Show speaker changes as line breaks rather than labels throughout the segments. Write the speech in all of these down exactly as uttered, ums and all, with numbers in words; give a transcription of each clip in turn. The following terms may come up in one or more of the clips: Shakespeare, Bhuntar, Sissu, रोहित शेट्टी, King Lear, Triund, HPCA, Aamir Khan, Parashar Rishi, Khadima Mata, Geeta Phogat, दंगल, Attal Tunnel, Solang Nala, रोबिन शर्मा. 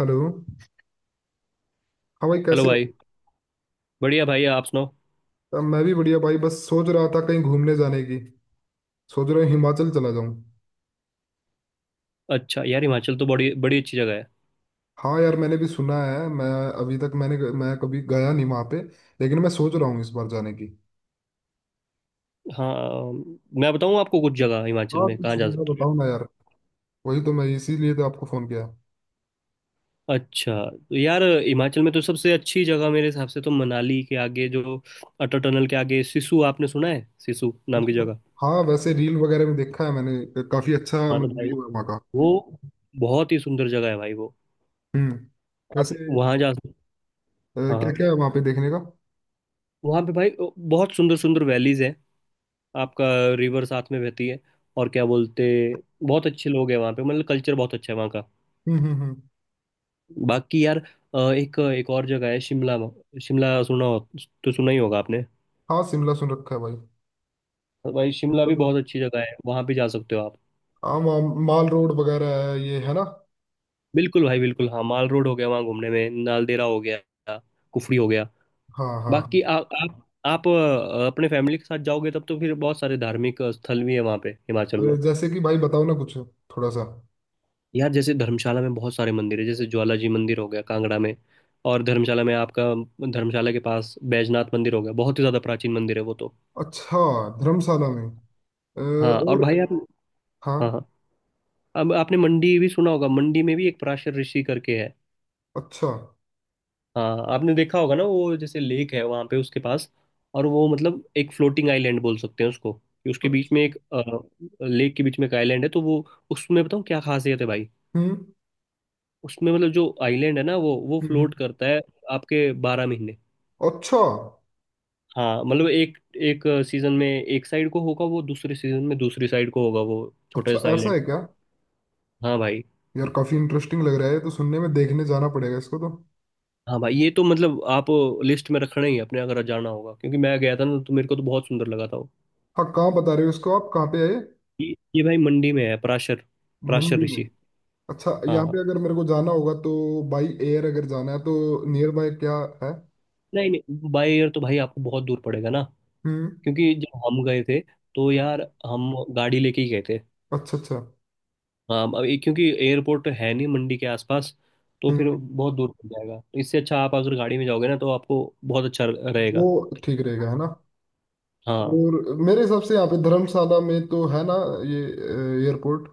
Hello. हाँ भाई
hello
कैसे हो।
भाई। बढ़िया भाई, आप सुनाओ।
अब मैं भी बढ़िया भाई, बस सोच रहा था कहीं घूमने जाने की। सोच रहा हूँ हिमाचल चला जाऊँ।
अच्छा यार, हिमाचल तो बड़ी बड़ी अच्छी जगह है।
हाँ यार, मैंने भी सुना है। मैं अभी तक मैंने मैं कभी गया नहीं वहाँ पे। लेकिन मैं सोच रहा हूँ इस बार जाने की।
हाँ, मैं बताऊँ आपको कुछ जगह हिमाचल
हाँ,
में कहाँ
कुछ
जा
जगह
सकते
बताओ ना यार। वही तो मैं, इसीलिए तो आपको फोन किया।
हो। अच्छा तो यार, हिमाचल में तो सबसे अच्छी जगह मेरे हिसाब से तो मनाली के आगे जो अटल टनल के आगे सिसु, आपने सुना है सिसु नाम की
इसको,
जगह?
हाँ वैसे रील वगैरह में देखा है मैंने, काफी अच्छा
हाँ तो
मतलब
भाई
व्यू है वहाँ का।
वो बहुत ही सुंदर जगह है भाई वो।
हम्म।
आप
कैसे?
वहाँ जा सकते। हाँ
क्या
हाँ।
क्या है वहाँ पे देखने का?
वहाँ पे भाई बहुत सुंदर सुंदर वैलीज हैं। आपका रिवर साथ में बहती है। और क्या बोलते, बहुत अच्छे लोग हैं वहाँ पे, मतलब कल्चर बहुत अच्छा है वहाँ का।
हम्म। हम्म। हम्म।
बाकी यार, अ, एक एक और जगह है शिमला। शिमला सुना हो, तो सुना ही होगा आपने।
हाँ, शिमला सुन रखा है भाई।
भाई शिमला
शिमला
भी
तो-
बहुत अच्छी जगह है, वहां भी जा सकते हो आप।
हाँ, मा- माल रोड वगैरह है ये, है ना?
बिल्कुल भाई बिल्कुल। हाँ, माल रोड हो गया, वहाँ घूमने में नालदेहरा हो गया, कुफरी हो गया।
हाँ,
बाकी
हाँ।
आ, आप आप अ, अपने फैमिली के साथ जाओगे तब तो फिर बहुत सारे धार्मिक स्थल भी है वहाँ पे
अ,
हिमाचल में।
जैसे कि भाई बताओ ना कुछ थोड़ा सा।
यार जैसे धर्मशाला में बहुत सारे मंदिर है, जैसे ज्वाला जी मंदिर हो गया कांगड़ा में। और धर्मशाला में आपका, धर्मशाला के पास बैजनाथ मंदिर हो गया, बहुत ही ज्यादा प्राचीन मंदिर है वो तो।
अच्छा। धर्मशाला में। अ,
हाँ, और
और?
भाई आप।
हाँ।
हाँ हाँ। अब आपने मंडी भी सुना होगा, मंडी में भी एक पराशर ऋषि करके है।
अच्छा,
हाँ आपने देखा होगा ना, वो जैसे लेक है वहाँ पे उसके पास। और वो मतलब एक फ्लोटिंग आइलैंड बोल सकते हैं उसको, कि उसके बीच
अच्छा।
में एक, लेक के बीच में एक आइलैंड है तो वो। उसमें बताऊँ क्या खासियत है भाई?
हम्म।
उसमें मतलब जो आइलैंड है ना, वो वो
हम्म। हम्म।
फ्लोट करता है। आपके बारह महीने।
अच्छा,
हाँ मतलब एक एक सीजन में एक साइड को होगा वो, दूसरे सीजन में दूसरी साइड को होगा वो छोटा
अच्छा
सा
ऐसा
आइलैंड।
है क्या?
हाँ भाई।
यार, काफी इंटरेस्टिंग लग रहा है ये तो सुनने में, देखने जाना पड़ेगा इसको तो।
हाँ भाई, ये तो मतलब आप लिस्ट में रखना ही है अपने अगर जाना होगा, क्योंकि मैं गया था ना तो मेरे को तो बहुत सुंदर लगा था वो।
हाँ, कहाँ बता रहे हो इसको, आप कहाँ पे आए?
ये ये भाई मंडी में है पराशर। पराशर
मंडी में।
ऋषि।
अच्छा, यहाँ पे
हाँ।
अगर मेरे को जाना होगा तो बाई एयर, अगर जाना है तो। नियर बाय क्या है?
नहीं नहीं, बाय एयर तो भाई आपको बहुत दूर पड़ेगा ना।
हम्म।
क्योंकि जब हम गए थे तो
हम्म।
यार हम गाड़ी लेके ही गए थे।
अच्छा, अच्छा।
हाँ, अब ये- क्योंकि एयरपोर्ट है नहीं मंडी के आसपास, तो फिर
हम्म
बहुत दूर पड़ जाएगा, तो इससे अच्छा आप अगर गाड़ी में जाओगे ना तो आपको बहुत अच्छा
वो
रहेगा।
ठीक रहेगा है ना?
हाँ।
और मेरे हिसाब से यहाँ पे धर्मशाला में तो है ना, ये एयरपोर्ट।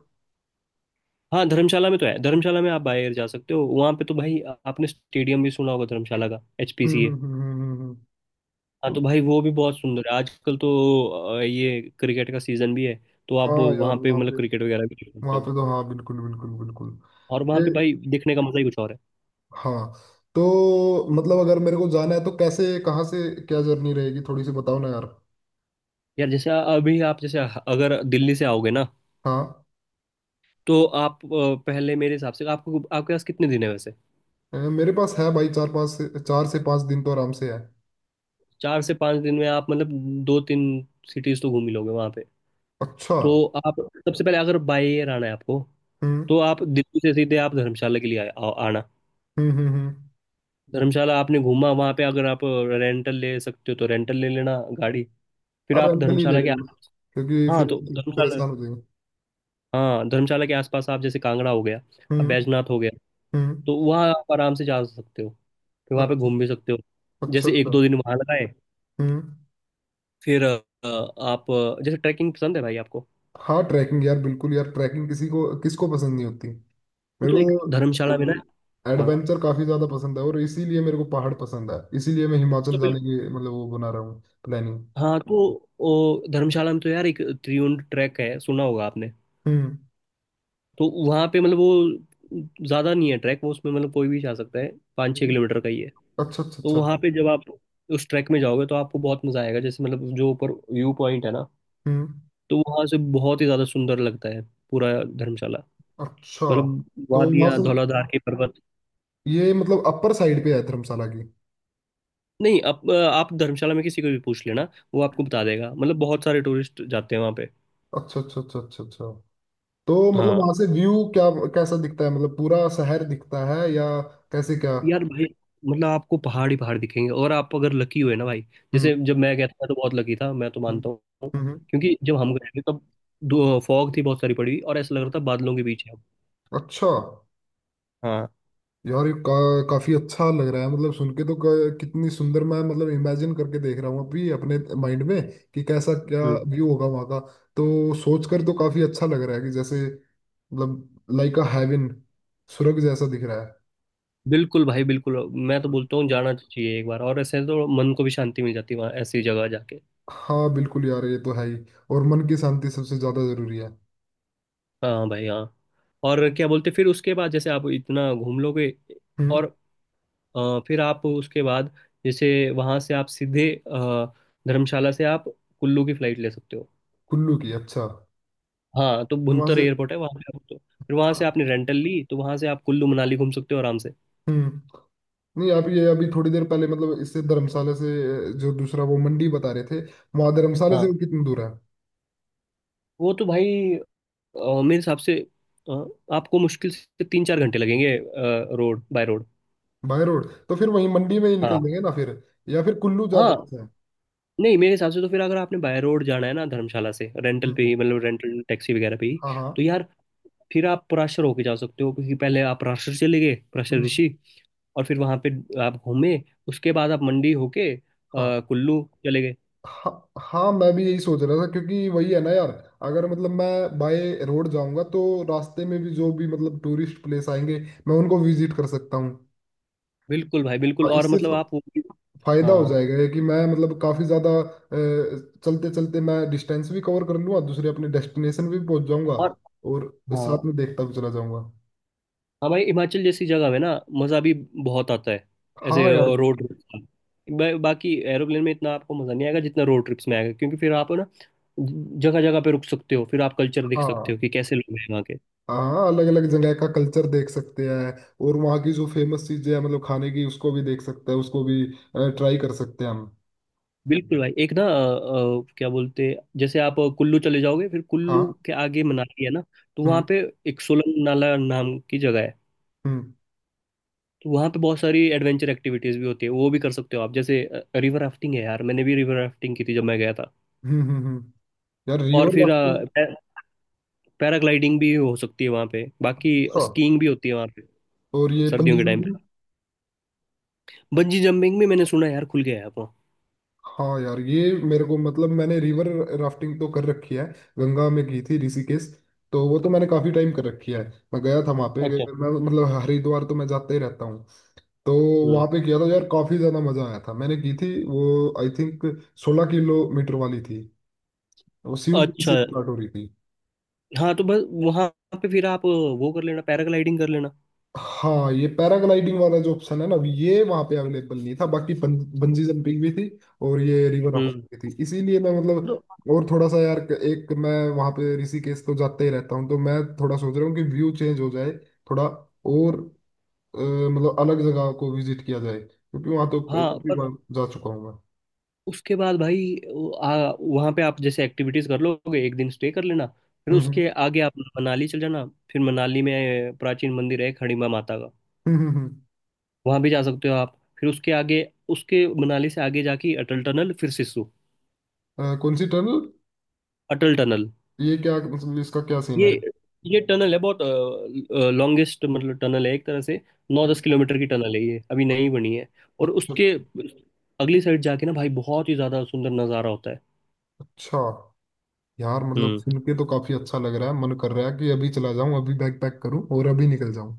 हाँ, धर्मशाला में तो है, धर्मशाला में आप बाहर जा सकते हो वहाँ पे तो भाई। आपने स्टेडियम भी सुना होगा धर्मशाला का,
हम्म। हम्म।
एच पी सी ए।
हम्म। हम्म। हम्म।
हाँ तो
हम्म।
भाई वो भी बहुत सुंदर है आजकल तो। अ, ये क्रिकेट का सीजन भी है, तो आप वो
हाँ यार,
वहाँ पे
वहाँ पे
मतलब क्रिकेट वगैरह भी देख सकते
वहाँ
हो।
पे तो हाँ, बिल्कुल बिल्कुल बिल्कुल।
और वहाँ
ये,
पे भाई देखने का मजा ही कुछ और है।
हाँ। तो मतलब अगर मेरे को जाना है तो कैसे, कहाँ से, क्या जर्नी रहेगी, थोड़ी सी बताओ ना यार।
यार जैसे, अभी आप जैसे अगर दिल्ली से आओगे ना,
हाँ।
तो आप अ, पहले मेरे हिसाब से, आपको, आपके पास कितने दिन है वैसे?
अ, मेरे पास है भाई, चार पाँच से चार से पाँच दिन तो आराम से है।
चार से पाँच दिन में आप मतलब दो तीन सिटीज तो घूम ही लोगे वहाँ पे।
अच्छा।
तो आप सबसे पहले अगर बाय एयर आना है आपको,
हम्म।
तो आप दिल्ली से सीधे आप धर्मशाला के लिए आ, आ- आना।
हम्म। हम्म। हम्म।
धर्मशाला आपने घूमा वहां पे, अगर आप रेंटल ले सकते हो तो रेंटल ले लेना गाड़ी। फिर
अब
आप
रेंट ले
धर्मशाला के
लेंगे ना,
आस।
क्योंकि
हाँ
फिर
तो धर्मशाला।
परेशान हो जाएंगे।
हाँ, धर्मशाला के आसपास आप, जैसे कांगड़ा हो गया, अब
हम्म।
बैजनाथ हो गया,
हम्म।
तो वहाँ आप आराम से जा सकते हो, फिर वहाँ पे
अच्छा,
घूम भी सकते हो।
अच्छा,
जैसे एक
अच्छा।
दो दिन वहाँ लगाए।
हम्म।
फिर अ, आप अ, जैसे ट्रैकिंग पसंद है भाई आपको?
हाँ, ट्रैकिंग यार, बिल्कुल यार, ट्रैकिंग किसी को किसको पसंद नहीं होती। मेरे
तो एक
को तो
धर्मशाला में
बल्कि
ना। हाँ
एडवेंचर काफी ज्यादा पसंद है, और इसीलिए मेरे को पहाड़ पसंद है, इसीलिए मैं
तो,
हिमाचल जाने की मतलब वो बना रहा हूँ, प्लानिंग।
हाँ तो ओ, धर्मशाला में तो यार एक त्रिउंड ट्रैक है, सुना होगा आपने।
हम्म।
तो वहाँ पे मतलब वो ज़्यादा नहीं है ट्रैक, वो उसमें मतलब कोई भी जा सकता है, पाँच छः
हम्म।
किलोमीटर का ही है।
अच्छा, अच्छा,
तो
अच्छा।
वहाँ पे जब आप उस ट्रैक में जाओगे तो आपको बहुत मज़ा आएगा, जैसे मतलब जो ऊपर व्यू पॉइंट है ना,
हम्म।
तो वहाँ से बहुत ही ज़्यादा सुंदर लगता है पूरा धर्मशाला,
अच्छा,
मतलब
तो वहां
वादियाँ,
से
धौलाधार के पर्वत।
ये मतलब अपर साइड पे है धर्मशाला की?
नहीं, आप, आप धर्मशाला में किसी को भी पूछ लेना, वो आपको
हम्म।
बता देगा, मतलब बहुत सारे टूरिस्ट जाते हैं वहाँ पे।
अच्छा, अच्छा, अच्छा, अच्छा, अच्छा। तो मतलब
हाँ
वहां से व्यू क्या कैसा दिखता है? मतलब पूरा शहर दिखता है या कैसे, क्या?
यार भाई, मतलब आपको पहाड़ ही पहाड़ दिखेंगे, और आप अगर लकी हुए ना भाई, जैसे
हम्म।
जब मैं गया था, मैं तो बहुत लकी था मैं तो
हम्म।
मानता हूँ।
हम्म।
क्योंकि जब हम गए थे तब दो फॉग थी बहुत सारी पड़ी हुई और ऐसा लग रहा था
हम्म।
बादलों के बीच है हम।
अच्छा
हाँ।
यार, ये का, काफी अच्छा लग रहा है मतलब सुन के तो, क- कितनी सुंदर, मैं मतलब इमेजिन करके देख रहा हूँ अभी अपने माइंड में, कि कैसा, क्या
हम्म
व्यू होगा वहाँ का। तो सोच कर तो काफी अच्छा लग रहा है कि जैसे मतलब, लाइक अ हेवन, स्वर्ग जैसा दिख रहा है।
बिल्कुल भाई बिल्कुल। मैं तो बोलता हूँ जाना चाहिए एक बार, और ऐसे तो मन को भी शांति मिल जाती है वहाँ ऐसी जगह जाके।
हाँ बिल्कुल यार, ये तो है ही। और मन की शांति सबसे ज्यादा जरूरी है।
हाँ भाई हाँ। और क्या बोलते, फिर उसके बाद जैसे आप इतना घूम लोगे,
हम्म।
और अ, फिर आप उसके बाद, जैसे वहाँ से आप सीधे अ, धर्मशाला से आप कुल्लू की फ्लाइट ले सकते हो।
कुल्लू की? अच्छा।
हाँ तो
वहां
भुंतर
से।
एयरपोर्ट है वहां पे आप, तो फिर वहां
हाँ।
से आपने रेंटल ली तो वहां से आप कुल्लू मनाली घूम सकते हो आराम से।
हम्म। नहीं आप ये अभी थोड़ी देर पहले मतलब इससे, धर्मशाला से, अ, जो दूसरा वो मंडी बता रहे थे, वहां धर्मशाला से
हाँ,
वो कितनी दूर है?
वो तो भाई अ, मेरे हिसाब से अ, आपको मुश्किल से तीन चार घंटे लगेंगे, road by road.
By road तो फिर वहीं मंडी में ही निकल
हाँ।
लेंगे ना फिर, या फिर कुल्लू ज्यादा
हाँ,
अच्छा है?
नहीं मेरे हिसाब से तो फिर अगर आपने बाय रोड जाना है ना धर्मशाला से, रेंटल पे
हम्म।
ही मतलब रेंटल टैक्सी वगैरह पे ही,
हाँ, हाँ।
तो यार फिर आप पराशर होके जा सकते हो, क्योंकि पहले आप पराशर चले गए, पराशर
हम्म।
ऋषि, और फिर वहां पे आप घूमे, उसके बाद आप मंडी होके अ,
हाँ,
कुल्लू चले गए।
हाँ। हाँ, मैं भी यही सोच रहा था, क्योंकि वही है ना यार, अगर मतलब मैं बाय रोड जाऊंगा तो रास्ते में भी जो भी मतलब टूरिस्ट प्लेस आएंगे, मैं उनको विजिट कर सकता हूँ।
बिल्कुल भाई बिल्कुल,
हाँ,
और
इससे
मतलब
फ-
आप वो भी-
फायदा हो
हाँ।
जाएगा ये, कि मैं मतलब काफी ज्यादा, चलते चलते मैं डिस्टेंस भी कवर कर लूंगा, दूसरे अपने डेस्टिनेशन भी पहुंच जाऊंगा।
और।
और
हाँ
साथ में देखता भी चला जाऊंगा।
हाँ भाई, हिमाचल जैसी जगह में ना मज़ा भी बहुत आता है
हाँ
ऐसे
यार,
रोड
बिल्कुल।
ट्रिप का। बा- बाकी एरोप्लेन में इतना आपको मज़ा नहीं आएगा जितना रोड ट्रिप्स में आएगा, क्योंकि फिर आप ना जगह जगह पे रुक सकते हो, फिर आप कल्चर देख
हाँ,
सकते हो कि कैसे लोग हैं वहाँ के।
हाँ। अलग अलग जगह का कल्चर देख सकते हैं। और वहाँ की जो फेमस चीजें हैं मतलब खाने की, उसको भी देख सकते हैं, उसको भी ट्राई कर सकते हैं हम।
बिल्कुल भाई, एक ना अ, अ, क्या बोलते हैं, जैसे आप कुल्लू चले जाओगे फिर कुल्लू
हाँ।
के आगे मनाली है ना, तो वहाँ
हम्म।
पे एक सोलंग नाला नाम की जगह है,
हम्म।
तो वहाँ पे बहुत सारी एडवेंचर एक्टिविटीज भी होती है, वो भी कर सकते हो आप, जैसे रिवर राफ्टिंग है यार। मैंने भी रिवर राफ्टिंग की थी जब मैं गया था।
हम्म। हम्म। हम्म। यार,
और
रिवर
फिर
राफ्टिंग।
पैराग्लाइडिंग भी हो सकती है वहाँ पे, बाकी
हाँ।
स्कीइंग भी होती है वहाँ पे
और ये
सर्दियों
पंजी
के टाइम पे।
जंपिंग?
बंजी जंपिंग भी मैंने सुना है यार, खुल गया है अब वहाँ।
हाँ यार, ये मेरे को मतलब मैंने रिवर राफ्टिंग तो कर रखी है, गंगा में की थी, ऋषिकेश। तो वो तो मैंने काफी टाइम कर रखी है, मैं गया था वहाँ पे।
अच्छा।
मैं मतलब हरिद्वार तो मैं जाता ही रहता हूँ, तो
हम्म।
वहाँ पे किया था यार, काफी ज्यादा मजा आया था, मैंने की थी वो, आई थिंक सोलह किलोमीटर वाली थी, वो सीयू से
अच्छा।
स्टार्ट हो रही थी।
हाँ तो बस वहाँ पे फिर आप वो कर लेना, पैराग्लाइडिंग कर लेना।
हाँ, ये पैराग्लाइडिंग वाला जो ऑप्शन है ना, ये वहाँ पे अवेलेबल नहीं था, बाकी बं, बंजी जंपिंग भी थी और ये रिवर
हम्म।
राफ्टिंग भी थी, इसीलिए मैं
तो,
मतलब, और थोड़ा सा यार, एक मैं। वहाँ पे ऋषिकेश तो जाते ही रहता हूँ, तो मैं थोड़ा सोच रहा हूँ कि व्यू चेंज हो जाए थोड़ा, और अ, मतलब अलग जगह को विजिट किया जाए, क्योंकि वहाँ तो
हाँ
काफी
पर
बार जा चुका हूँ मैं।
उसके बाद भाई वो, आ, वहाँ पे आप जैसे एक्टिविटीज कर लोगे, एक दिन स्टे कर लेना, फिर
हम्म। हम्म।
उसके आगे आप मनाली चल जाना, फिर मनाली में प्राचीन मंदिर है खड़ीमा माता का।
हम्म। हम्म। हम्म।
वहाँ भी जा सकते हो आप, फिर उसके आगे, उसके मनाली से आगे जाके अटल टनल फिर सिस्सू।
अ, कौन सी टनल?
अटल टनल।
ये क्या मतलब, इसका क्या सीन
ये
है?
ये टनल है बहुत, लॉन्गेस्ट मतलब टनल है एक तरह से, नौ
हम्म।
दस किलोमीटर की टनल है, ये अभी
अ-
नई बनी है। और
अच्छा,
उसके अगली साइड जाके ना भाई, बहुत ही ज्यादा सुंदर नज़ारा होता है।
अच्छा। यार मतलब
हम्म।
सुन के तो काफी अच्छा लग रहा है, मन कर रहा है कि अभी चला जाऊं, अभी बैग पैक करूं और अभी निकल जाऊं।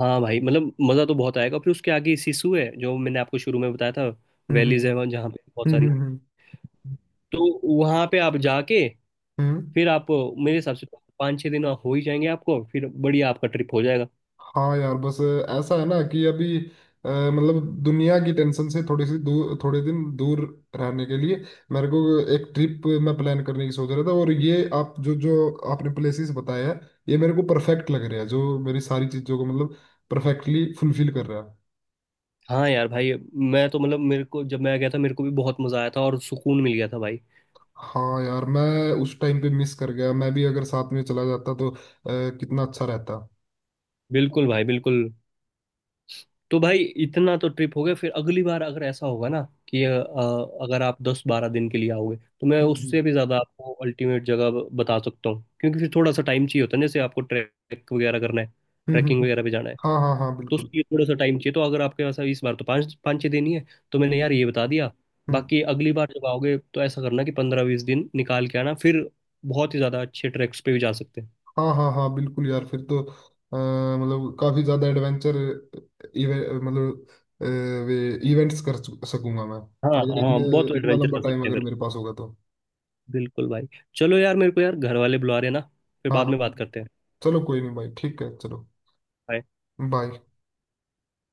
हाँ भाई मतलब मज़ा तो बहुत आएगा, फिर उसके आगे सिसु है जो मैंने आपको शुरू में बताया था,
हम्म। हम्म।
वैलीज है वहाँ- जहाँ पे बहुत
हम्म। हम्म।
सारी।
हम्म। हम्म।
तो वहाँ पे आप जाके
हम्म।
फिर आप, मेरे हिसाब से तो पाँच छः दिन हो ही जाएंगे आपको, फिर बढ़िया आपका ट्रिप हो जाएगा।
हाँ यार बस, ऐसा है ना कि अभी अ, मतलब दुनिया की टेंशन से थोड़ी सी दूर, थोड़े दिन दूर रहने के लिए मेरे को एक ट्रिप मैं प्लान करने की सोच रहा था, और ये आप जो जो आपने प्लेसेस बताया है, ये मेरे को परफेक्ट लग रहा है, जो मेरी सारी चीज़ों को मतलब परफेक्टली फुलफिल कर रहा है।
हाँ यार भाई, मैं तो मतलब, मेरे को जब मैं गया था मेरे को भी बहुत मज़ा आया था और सुकून मिल गया था भाई।
हाँ यार, मैं उस टाइम पे मिस कर गया, मैं भी अगर साथ में चला जाता तो अ, कितना अच्छा रहता।
बिल्कुल भाई बिल्कुल। तो भाई इतना तो ट्रिप हो गया, फिर अगली बार अगर ऐसा होगा ना कि अ, अगर आप दस बारह दिन के लिए आओगे, तो मैं
हम्म। हम्म।
उससे भी ज़्यादा आपको अल्टीमेट जगह ब- बता सकता हूँ, क्योंकि फिर थोड़ा सा टाइम चाहिए होता है ना, जैसे आपको ट्रैक वगैरह करना है,
हम्म। हम्म।
ट्रैकिंग
हम्म।
वगैरह पे जाना है,
हाँ, हाँ, हाँ,
तो
बिल्कुल।
उसके लिए थोड़ा सा टाइम चाहिए। तो अगर आपके पास इस बार तो पाँच पाँच छः दिन ही है, तो मैंने यार ये बता दिया।
हम्म।
बाकी अगली बार जब आओगे तो ऐसा करना कि पंद्रह बीस दिन निकाल के आना, फिर बहुत ही ज़्यादा अच्छे ट्रैक्स पे भी जा सकते हैं।
हाँ, हाँ, हाँ, बिल्कुल यार, फिर तो अ, मतलब काफी ज्यादा एडवेंचर मतलब अ, वे इवेंट्स कर सक- सकूंगा मैं,
हाँ
अगर इतने
हाँ, बहुत
इतना
एडवेंचर
लंबा
कर
टाइम
सकते हैं
अगर
फिर।
मेरे पास होगा तो।
बिल्कुल भाई। चलो यार, मेरे को यार घर वाले बुला रहे हैं ना, फिर
हाँ,
बाद
हाँ,
में
हाँ।
बात करते हैं।
चलो कोई नहीं भाई, ठीक है, चलो
Bye.
बाय।